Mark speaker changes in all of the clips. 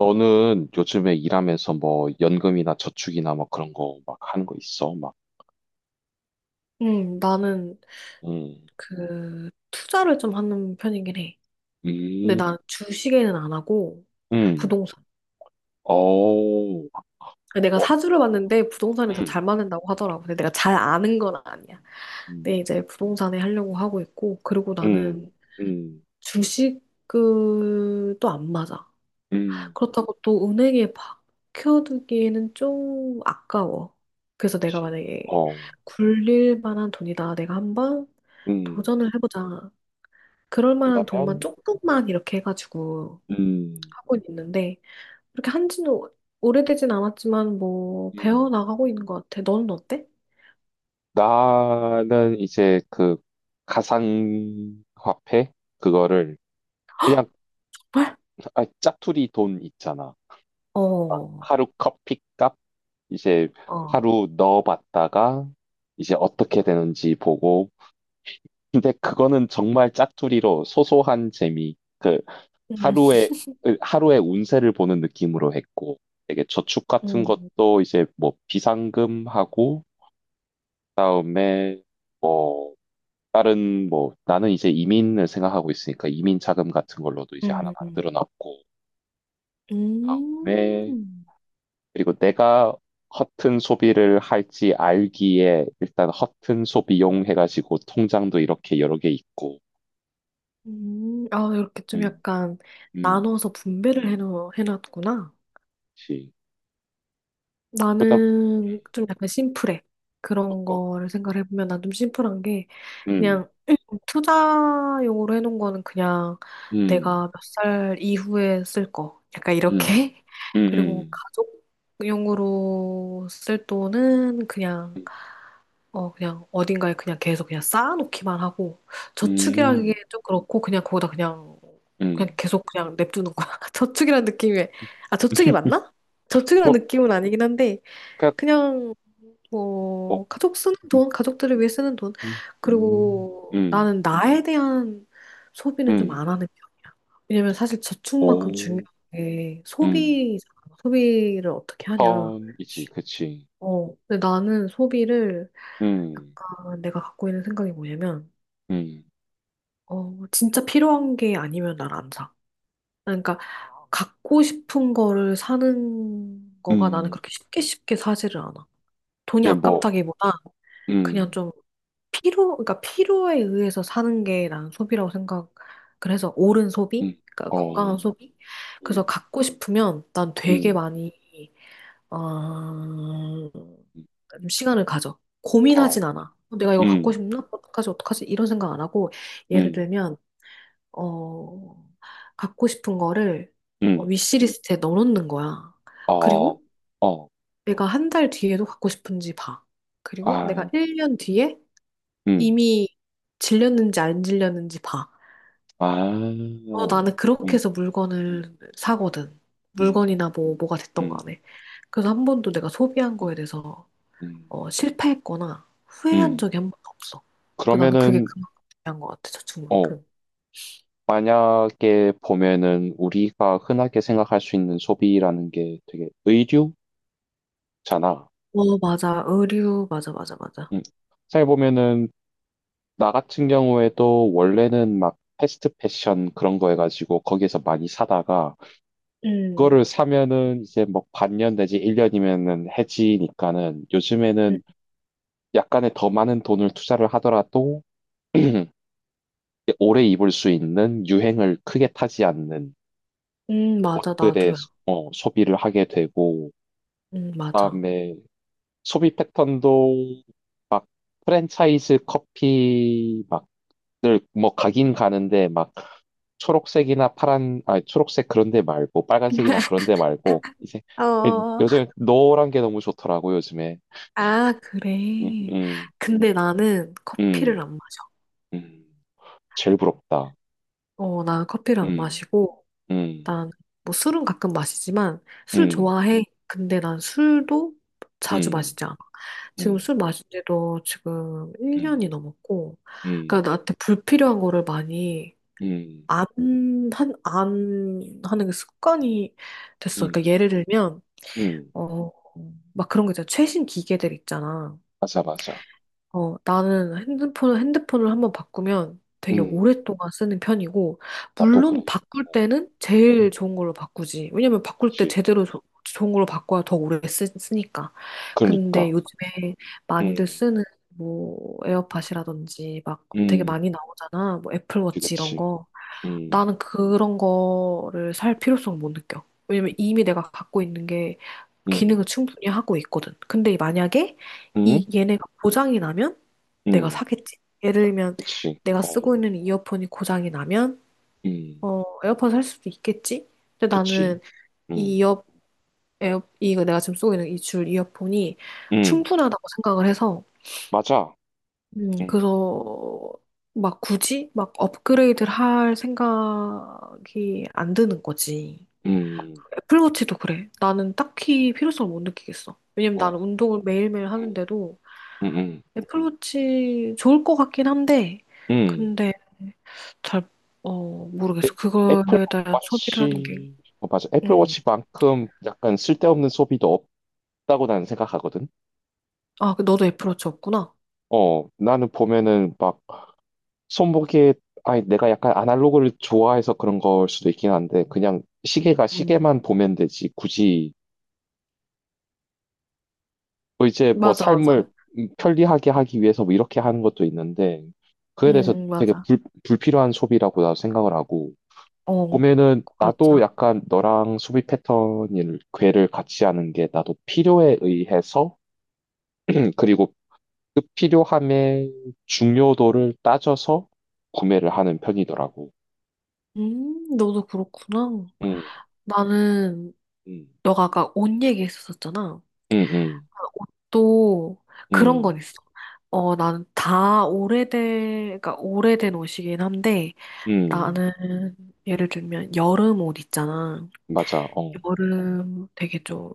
Speaker 1: 너는 요즘에 일하면서 뭐 연금이나 저축이나 뭐 그런 거 막 하는 거 있어? 막,
Speaker 2: 나는
Speaker 1: 음,
Speaker 2: 그 투자를 좀 하는 편이긴 해. 근데
Speaker 1: 음,
Speaker 2: 난 주식에는 안 하고
Speaker 1: 음,
Speaker 2: 부동산.
Speaker 1: 어,
Speaker 2: 아, 내가
Speaker 1: 뭐,
Speaker 2: 사주를 봤는데 부동산에 더
Speaker 1: 음,
Speaker 2: 잘 맞는다고 하더라고. 근데 내가 잘 아는 건 아니야.
Speaker 1: 음,
Speaker 2: 근데 이제 부동산에 하려고 하고 있고, 그리고
Speaker 1: 음,
Speaker 2: 나는
Speaker 1: 음,
Speaker 2: 주식을 또 안 맞아.
Speaker 1: 음,
Speaker 2: 그렇다고 또 은행에 박혀두기에는 좀 아까워. 그래서 내가
Speaker 1: 그치.
Speaker 2: 만약에
Speaker 1: 어,
Speaker 2: 굴릴 만한 돈이다. 내가 한번
Speaker 1: 음,
Speaker 2: 도전을 해보자. 그럴 만한 돈만
Speaker 1: 그러면,
Speaker 2: 조금만 이렇게 해가지고
Speaker 1: 음,
Speaker 2: 하고 있는데 그렇게 한지는 오래되진 않았지만 뭐 배워
Speaker 1: 음,
Speaker 2: 나가고 있는 것 같아. 너는 어때?
Speaker 1: 나는 이제 그 가상화폐 그거를 그냥.
Speaker 2: 헐?
Speaker 1: 아, 짜투리 돈 있잖아. 막
Speaker 2: 어,
Speaker 1: 하루 커피값 이제
Speaker 2: 어.
Speaker 1: 하루 넣어봤다가 이제 어떻게 되는지 보고. 근데 그거는 정말 짝투리로 소소한 재미 그
Speaker 2: 음,
Speaker 1: 하루의 하루의 운세를 보는 느낌으로 했고, 되게 저축 같은
Speaker 2: 음,
Speaker 1: 것도 이제 뭐 비상금하고 그다음에 뭐 다른 뭐 나는 이제 이민을 생각하고 있으니까 이민 자금 같은 걸로도 이제 하나
Speaker 2: 음,
Speaker 1: 만들어 놨고. 네.
Speaker 2: 음,
Speaker 1: 그리고 내가 허튼 소비를 할지 알기에 일단 허튼 소비용 해가지고 통장도 이렇게 여러 개 있고,
Speaker 2: 아, 이렇게 좀
Speaker 1: 음,
Speaker 2: 약간
Speaker 1: 음,
Speaker 2: 나눠서 분배를 해놨구나.
Speaker 1: 그렇지. 그러다,
Speaker 2: 나는 좀 약간 심플해. 그런
Speaker 1: 어떤,
Speaker 2: 거를 생각해보면 난 좀 심플한 게
Speaker 1: 음,
Speaker 2: 그냥 투자용으로 해놓은 거는 그냥
Speaker 1: 음,
Speaker 2: 내가 몇 살 이후에 쓸 거. 약간
Speaker 1: 음,
Speaker 2: 이렇게. 그리고
Speaker 1: 음,
Speaker 2: 가족용으로 쓸 돈은 그냥,
Speaker 1: 음,
Speaker 2: 그냥 어딘가에 그냥 계속 그냥 쌓아놓기만 하고, 저축이라는 게
Speaker 1: 음,
Speaker 2: 좀 그렇고, 그냥 거기다 그냥, 그냥
Speaker 1: 음,
Speaker 2: 계속 그냥 냅두는 거야. 저축이라는 느낌이, 아, 저축이 맞나? 저축이라는
Speaker 1: 뭐,
Speaker 2: 느낌은 아니긴 한데,
Speaker 1: 그
Speaker 2: 그냥
Speaker 1: 뭐,
Speaker 2: 뭐 가족 쓰는
Speaker 1: 음,
Speaker 2: 돈, 가족들을 위해 쓰는 돈.
Speaker 1: 음, 음,
Speaker 2: 그리고
Speaker 1: 음,
Speaker 2: 나는 나에 대한 소비는 좀
Speaker 1: 음.
Speaker 2: 안 하는 편이야. 왜냐면 사실 저축만큼 중요한
Speaker 1: 오,
Speaker 2: 게
Speaker 1: 음,
Speaker 2: 소비잖아. 소비를 어떻게 하냐.
Speaker 1: 턴이지, 그치.
Speaker 2: 근데 나는 소비를
Speaker 1: 음,
Speaker 2: 약간 내가 갖고 있는 생각이 뭐냐면,
Speaker 1: 음,
Speaker 2: 진짜 필요한 게 아니면 난 안 사. 그러니까 갖고 싶은 거를 사는 거가 나는
Speaker 1: 음,
Speaker 2: 그렇게 쉽게 쉽게 사지를 않아. 돈이
Speaker 1: 이게 뭐,
Speaker 2: 아깝다기보다 그냥
Speaker 1: 음,
Speaker 2: 좀 필요, 그러니까 필요에 의해서 사는 게 난 소비라고 생각, 그래서 옳은
Speaker 1: 음,
Speaker 2: 소비? 그러니까
Speaker 1: 어,
Speaker 2: 건강한 소비? 그래서
Speaker 1: 음,
Speaker 2: 갖고 싶으면 난 되게
Speaker 1: 음,
Speaker 2: 많이,
Speaker 1: 음,
Speaker 2: 좀 시간을 가져.
Speaker 1: 어,
Speaker 2: 고민하진 않아. 내가 이거 갖고
Speaker 1: 음,
Speaker 2: 싶나? 어떡하지, 어떡하지? 이런 생각 안 하고, 예를
Speaker 1: 음,
Speaker 2: 들면, 어, 갖고 싶은 거를
Speaker 1: 음,
Speaker 2: 위시리스트에 넣어놓는 거야.
Speaker 1: 어,
Speaker 2: 그리고
Speaker 1: 어,
Speaker 2: 내가 한 달 뒤에도 갖고 싶은지 봐. 그리고
Speaker 1: 아,
Speaker 2: 내가 1년 뒤에
Speaker 1: 음,
Speaker 2: 이미 질렸는지 안 질렸는지 봐.
Speaker 1: 아,
Speaker 2: 나는 그렇게
Speaker 1: 음,
Speaker 2: 해서 물건을 사거든.
Speaker 1: 음,
Speaker 2: 물건이나 뭐가 됐던
Speaker 1: 음,
Speaker 2: 간에. 그래서 한 번도 내가 소비한
Speaker 1: 음,
Speaker 2: 거에 대해서
Speaker 1: 음,
Speaker 2: 실패했거나 후회한
Speaker 1: 음.
Speaker 2: 적이 한 번도 없어. 그 나는 그게
Speaker 1: 그러면은,
Speaker 2: 그만큼 중요한 것 같아,
Speaker 1: 어,
Speaker 2: 저축만큼.
Speaker 1: 만약에 보면은 우리가 흔하게 생각할 수 있는 소비라는 게 되게 의류잖아.
Speaker 2: 어, 맞아. 의류, 맞아, 맞아, 맞아.
Speaker 1: 음. 잘 보면은, 나 같은 경우에도 원래는 막 패스트 패션 그런 거 해가지고 거기에서 많이 사다가
Speaker 2: 음,
Speaker 1: 그거를 사면은 이제 뭐 반년 내지 1년이면은 해지니까는,
Speaker 2: 음,
Speaker 1: 요즘에는 약간의 더 많은 돈을 투자를 하더라도 오래 입을 수 있는 유행을 크게 타지 않는
Speaker 2: 맞아,
Speaker 1: 옷들의
Speaker 2: 나도야.
Speaker 1: 소- 어, 소비를 하게 되고,
Speaker 2: 맞아.
Speaker 1: 그다음에 소비 패턴도 프랜차이즈 커피 막늘뭐 가긴 가는데, 막 초록색이나 파란 아 초록색 그런 데 말고 빨간색이나 그런 데 말고 이제 예,
Speaker 2: 어,
Speaker 1: 요즘 노란 게 너무 좋더라고 요즘에.
Speaker 2: 아,
Speaker 1: 음,
Speaker 2: 그래.
Speaker 1: 음,
Speaker 2: 근데 나는 커피를
Speaker 1: 음,
Speaker 2: 안 마셔.
Speaker 1: 음. 제일 부럽다.
Speaker 2: 어, 나는 커피를 안
Speaker 1: 음,
Speaker 2: 마시고,
Speaker 1: 음,
Speaker 2: 난, 뭐 술은 가끔 마시지만, 술
Speaker 1: 음,
Speaker 2: 좋아해. 근데 난 술도 자주
Speaker 1: 음,
Speaker 2: 마시지 않아. 지금
Speaker 1: 음,
Speaker 2: 술 마신 지도 지금
Speaker 1: 음,
Speaker 2: 1년이 넘었고,
Speaker 1: 음,
Speaker 2: 그러니까 나한테 불필요한 거를 많이
Speaker 1: 음, 음,
Speaker 2: 안, 안 하는 게 습관이 됐어.
Speaker 1: 음.
Speaker 2: 그러니까 예를 들면,
Speaker 1: 음.
Speaker 2: 어, 막 그런 거 있잖아. 최신 기계들 있잖아.
Speaker 1: 맞아, 맞아.
Speaker 2: 나는 핸드폰을 한번 바꾸면 되게
Speaker 1: 음,
Speaker 2: 오랫동안 쓰는 편이고,
Speaker 1: 나도 그래.
Speaker 2: 물론 바꿀
Speaker 1: 어,
Speaker 2: 때는 제일
Speaker 1: 음,
Speaker 2: 좋은 걸로 바꾸지. 왜냐면 바꿀 때
Speaker 1: 그치.
Speaker 2: 제대로 좋은 걸로 바꿔야 더 오래 쓰니까. 근데
Speaker 1: 그러니까.
Speaker 2: 요즘에 많이들
Speaker 1: 음,
Speaker 2: 쓰는 뭐
Speaker 1: 음,
Speaker 2: 에어팟이라든지 막 되게
Speaker 1: 음.
Speaker 2: 많이 나오잖아. 뭐
Speaker 1: 그치,
Speaker 2: 애플워치 이런
Speaker 1: 그치.
Speaker 2: 거.
Speaker 1: 음,
Speaker 2: 나는 그런 거를 살 필요성을 못 느껴. 왜냐면 이미 내가 갖고 있는 게
Speaker 1: 음,
Speaker 2: 기능을 충분히 하고 있거든. 근데 만약에
Speaker 1: 음,
Speaker 2: 이 얘네가 보장이 나면 내가
Speaker 1: 음,
Speaker 2: 사겠지. 예를 들면
Speaker 1: 그치.
Speaker 2: 내가
Speaker 1: 어,
Speaker 2: 쓰고 있는 이어폰이 고장이 나면
Speaker 1: 음,
Speaker 2: 에어팟 살 수도 있겠지. 근데
Speaker 1: 그치.
Speaker 2: 나는 이
Speaker 1: 음,
Speaker 2: 이어 에어 이거 내가 지금 쓰고 있는 이 줄 이어폰이
Speaker 1: 음,
Speaker 2: 충분하다고 생각을 해서
Speaker 1: 맞아. 음,
Speaker 2: 그래서 막 굳이 막 업그레이드를 할 생각이 안 드는 거지.
Speaker 1: 음,
Speaker 2: 애플워치도 그래. 나는 딱히 필요성을 못 느끼겠어. 왜냐면 나는
Speaker 1: 어,
Speaker 2: 운동을 매일매일
Speaker 1: 음,
Speaker 2: 하는데도
Speaker 1: 음,
Speaker 2: 애플워치 좋을 것 같긴 한데
Speaker 1: 음.
Speaker 2: 근데 잘, 모르겠어.
Speaker 1: 애- 애플
Speaker 2: 그거에 대한 소비를 하는 게,
Speaker 1: 워치, 어, 맞아. 애플
Speaker 2: 음.
Speaker 1: 워치만큼 약간 쓸데없는 소비도 없다고 나는 생각하거든.
Speaker 2: 아, 그 너도 애플워치 없구나.
Speaker 1: 어, 나는 보면은 막 손목에, 아니, 내가 약간 아날로그를 좋아해서 그런 걸 수도 있긴 한데, 그냥 시계가
Speaker 2: 음.
Speaker 1: 시계만 보면 되지. 굳이, 뭐 이제 뭐
Speaker 2: 맞아,
Speaker 1: 삶을
Speaker 2: 맞아.
Speaker 1: 편리하게 하기 위해서 뭐 이렇게 하는 것도 있는데, 그에 대해서 되게
Speaker 2: 맞아.
Speaker 1: 불필요한 소비라고 나도 생각을 하고,
Speaker 2: 어,
Speaker 1: 보면은 나도
Speaker 2: 맞아.
Speaker 1: 약간 너랑 소비 패턴을 궤를 같이 하는 게 나도 필요에 의해서 그리고 그 필요함의 중요도를 따져서 구매를 하는 편이더라고.
Speaker 2: 너도 그렇구나.
Speaker 1: 음,
Speaker 2: 나는,
Speaker 1: 음,
Speaker 2: 너가 아까 옷 얘기했었잖아.
Speaker 1: 음, 음,
Speaker 2: 옷도 그런 건
Speaker 1: 음,
Speaker 2: 있어. 나는 다 오래된, 그러니까 오래된 옷이긴 한데,
Speaker 1: 음, 음.
Speaker 2: 나는 예를 들면 여름 옷 있잖아.
Speaker 1: 맞아. 어,
Speaker 2: 여름 되게 좀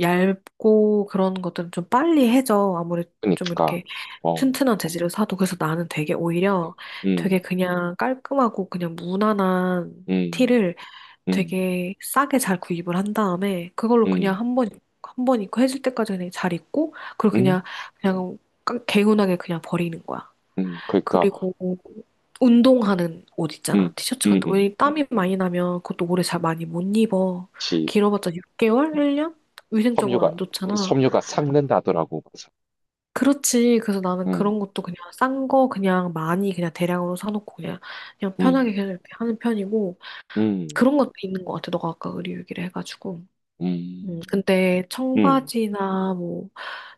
Speaker 2: 얇고 그런 것들은 좀 빨리 해져. 아무리 좀
Speaker 1: 그니까,
Speaker 2: 이렇게
Speaker 1: 어,
Speaker 2: 튼튼한 재질을 사도. 그래서 나는 되게
Speaker 1: 네.
Speaker 2: 오히려 되게
Speaker 1: 음,
Speaker 2: 그냥 깔끔하고 그냥 무난한
Speaker 1: 음,
Speaker 2: 티를
Speaker 1: 음,
Speaker 2: 되게 싸게 잘 구입을 한 다음에 그걸로 그냥
Speaker 1: 음,
Speaker 2: 한 번 입고 해줄 때까지 그냥 잘 입고 그리고
Speaker 1: 음,
Speaker 2: 그냥, 그냥 개운하게 그냥 버리는 거야.
Speaker 1: 그러니까,
Speaker 2: 그리고 운동하는 옷 있잖아.
Speaker 1: 음,
Speaker 2: 티셔츠
Speaker 1: 음,
Speaker 2: 같은 거.
Speaker 1: 음,
Speaker 2: 왜 땀이 많이 나면 그것도 오래 잘 많이 못 입어.
Speaker 1: 지
Speaker 2: 길어봤자 6개월? 1년? 위생적으로
Speaker 1: 섬유가
Speaker 2: 안 좋잖아.
Speaker 1: 섬유가 삭는다더라고. 맞아.
Speaker 2: 그렇지. 그래서 나는
Speaker 1: 음,
Speaker 2: 그런 것도 그냥 싼 거 그냥 많이 그냥 대량으로 사놓고 그냥, 그냥 편하게
Speaker 1: 음.
Speaker 2: 그냥 이렇게 하는 편이고
Speaker 1: 음,
Speaker 2: 그런 것도 있는 것 같아. 너가 아까 의류 얘기를 해가지고.
Speaker 1: 음,
Speaker 2: 근데
Speaker 1: 음,
Speaker 2: 청바지나 뭐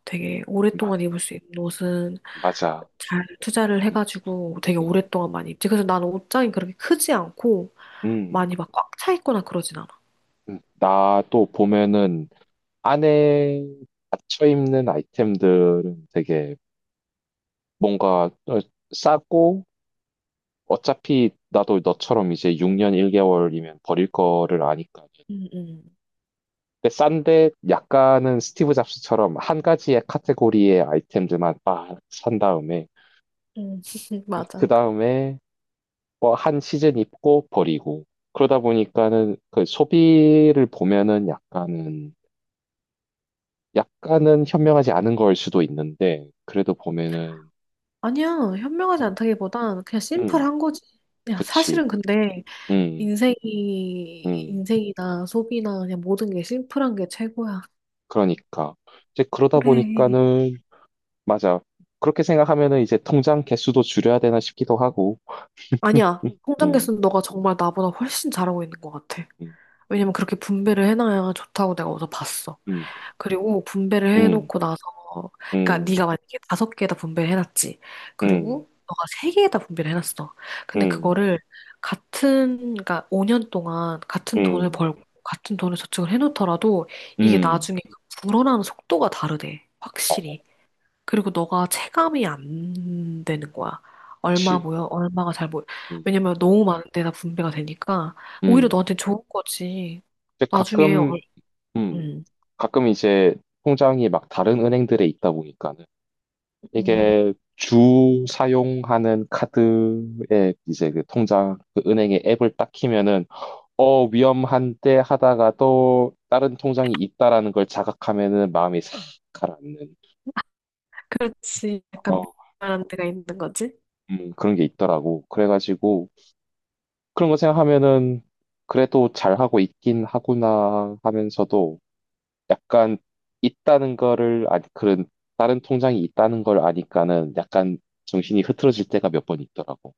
Speaker 2: 되게
Speaker 1: 맞,
Speaker 2: 오랫동안 입을 수 있는 옷은
Speaker 1: 맞아.
Speaker 2: 잘 투자를
Speaker 1: 음,
Speaker 2: 해가지고 되게
Speaker 1: 음,
Speaker 2: 오랫동안 많이 입지. 그래서 나는 옷장이 그렇게 크지 않고
Speaker 1: 음,
Speaker 2: 많이 막 꽉 차 있거나 그러진 않아.
Speaker 1: 나도 보면은 안에 닫혀 입는 아이템들은 되게 뭔가 어, 싸고 어차피 나도 너처럼 이제 6년 1개월이면 버릴 거를 아니까.
Speaker 2: 음, 음,
Speaker 1: 근데 싼데 약간은 스티브 잡스처럼 한 가지의 카테고리의 아이템들만 막 산 다음에
Speaker 2: 음.
Speaker 1: 그
Speaker 2: 맞아.
Speaker 1: 다음에 뭐 한 시즌 입고 버리고 그러다 보니까는 그 소비를 보면은 약간은 약간은 현명하지 않은 걸 수도 있는데 그래도 보면은.
Speaker 2: 아니야. 현명하지
Speaker 1: 음.
Speaker 2: 않다기보단 그냥
Speaker 1: 음,
Speaker 2: 심플한 거지. 그냥
Speaker 1: 그치,
Speaker 2: 사실은 근데
Speaker 1: 음음.
Speaker 2: 인생이, 인생이나 소비나 그냥 모든 게 심플한 게 최고야.
Speaker 1: 그러니까 이제 그러다
Speaker 2: 그래.
Speaker 1: 보니까는 맞아. 그렇게 생각하면은 이제 통장 개수도 줄여야 되나 싶기도 하고.
Speaker 2: 아니야. 통장 개수는 너가 정말 나보다 훨씬 잘하고 있는 것 같아. 왜냐면 그렇게 분배를 해놔야 좋다고 내가 어디서 봤어. 그리고 분배를 해놓고 나서, 그러니까 네가 만약에 다섯 개에다 분배를 해놨지. 그리고 너가 세 개에다 분배를 해놨어. 근데
Speaker 1: 음음음음음음음음음어,
Speaker 2: 그거를 같은, 그러니까 5년 동안 같은 돈을 벌고 같은 돈을 저축을 해놓더라도 이게 나중에 그 불어나는 속도가 다르대. 확실히. 그리고 너가 체감이 안 되는 거야. 얼마
Speaker 1: 그치,
Speaker 2: 모여, 얼마가 잘 모여.
Speaker 1: 음,
Speaker 2: 왜냐면 너무 많은 데다 분배가 되니까 오히려
Speaker 1: 음.
Speaker 2: 너한테 좋은 거지.
Speaker 1: 이제
Speaker 2: 나중에
Speaker 1: 가끔, 음, 가끔 이제 통장이 막 다른 은행들에 있다 보니까는,
Speaker 2: 음.
Speaker 1: 이게 주 사용하는 카드에 이제 그 통장 그 은행의 앱을 딱 키면은 어 위험한데 하다가 또 다른 통장이 있다라는 걸 자각하면은 마음이 싹 가라앉는
Speaker 2: 그렇지. 약간
Speaker 1: 어,
Speaker 2: 미안한 데가 있는 거지?
Speaker 1: 그런 게 있더라고. 그래가지고 그런 거 생각하면은 그래도 잘하고 있긴 하구나 하면서도, 약간 있다는 거를 아니 그런 다른 통장이 있다는 걸 아니까는 약간 정신이 흐트러질 때가 몇 번 있더라고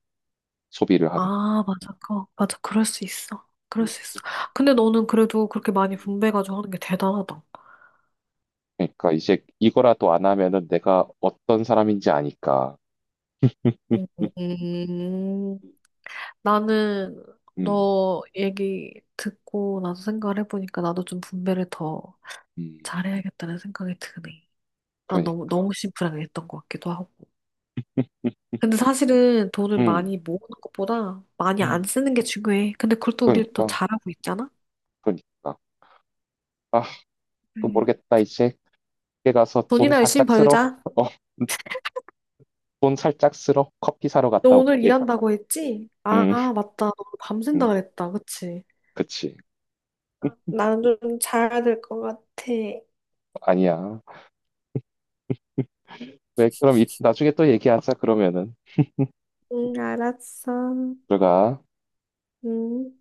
Speaker 1: 소비를 하는.
Speaker 2: 아, 맞아. 그 맞아. 그럴 수 있어. 그럴 수 있어.
Speaker 1: 음.
Speaker 2: 근데 너는 그래도 그렇게 많이
Speaker 1: 음.
Speaker 2: 분배해가지고 하는 게 대단하다.
Speaker 1: 그러니까 이제 이거라도 안 하면은 내가 어떤 사람인지 아니까
Speaker 2: 음,
Speaker 1: 음,
Speaker 2: 음. 나는
Speaker 1: 음,
Speaker 2: 너 얘기 듣고 나서 생각을 해보니까 나도 좀 분배를 더
Speaker 1: 음.
Speaker 2: 잘해야겠다는 생각이 드네. 난 너무,
Speaker 1: 그러니까,
Speaker 2: 너무 심플하게 했던 것 같기도 하고. 근데 사실은 돈을
Speaker 1: 음,
Speaker 2: 많이 모으는 것보다 많이 안
Speaker 1: 음,
Speaker 2: 쓰는 게 중요해. 근데 그걸 또 우리 또
Speaker 1: 그러니까,
Speaker 2: 잘하고 있잖아?
Speaker 1: 그러니까 아 그
Speaker 2: 네.
Speaker 1: 모르겠다 이제 밖에 가서 돈
Speaker 2: 돈이나 열심히
Speaker 1: 살짝 쓸어,
Speaker 2: 벌자.
Speaker 1: 어, 돈 살짝 쓸어 커피 사러
Speaker 2: 너
Speaker 1: 갔다
Speaker 2: 오늘
Speaker 1: 올게.
Speaker 2: 일한다고 했지? 아,
Speaker 1: 음,
Speaker 2: 맞다. 너 밤샌다
Speaker 1: 음,
Speaker 2: 그랬다. 그치?
Speaker 1: 그치.
Speaker 2: 나는 좀 자야 될 것 같아.
Speaker 1: 아니야. 그래, 그럼 이- 나중에 또 얘기하자, 그러면은.
Speaker 2: 응, 알았어.
Speaker 1: 들어가.
Speaker 2: 응.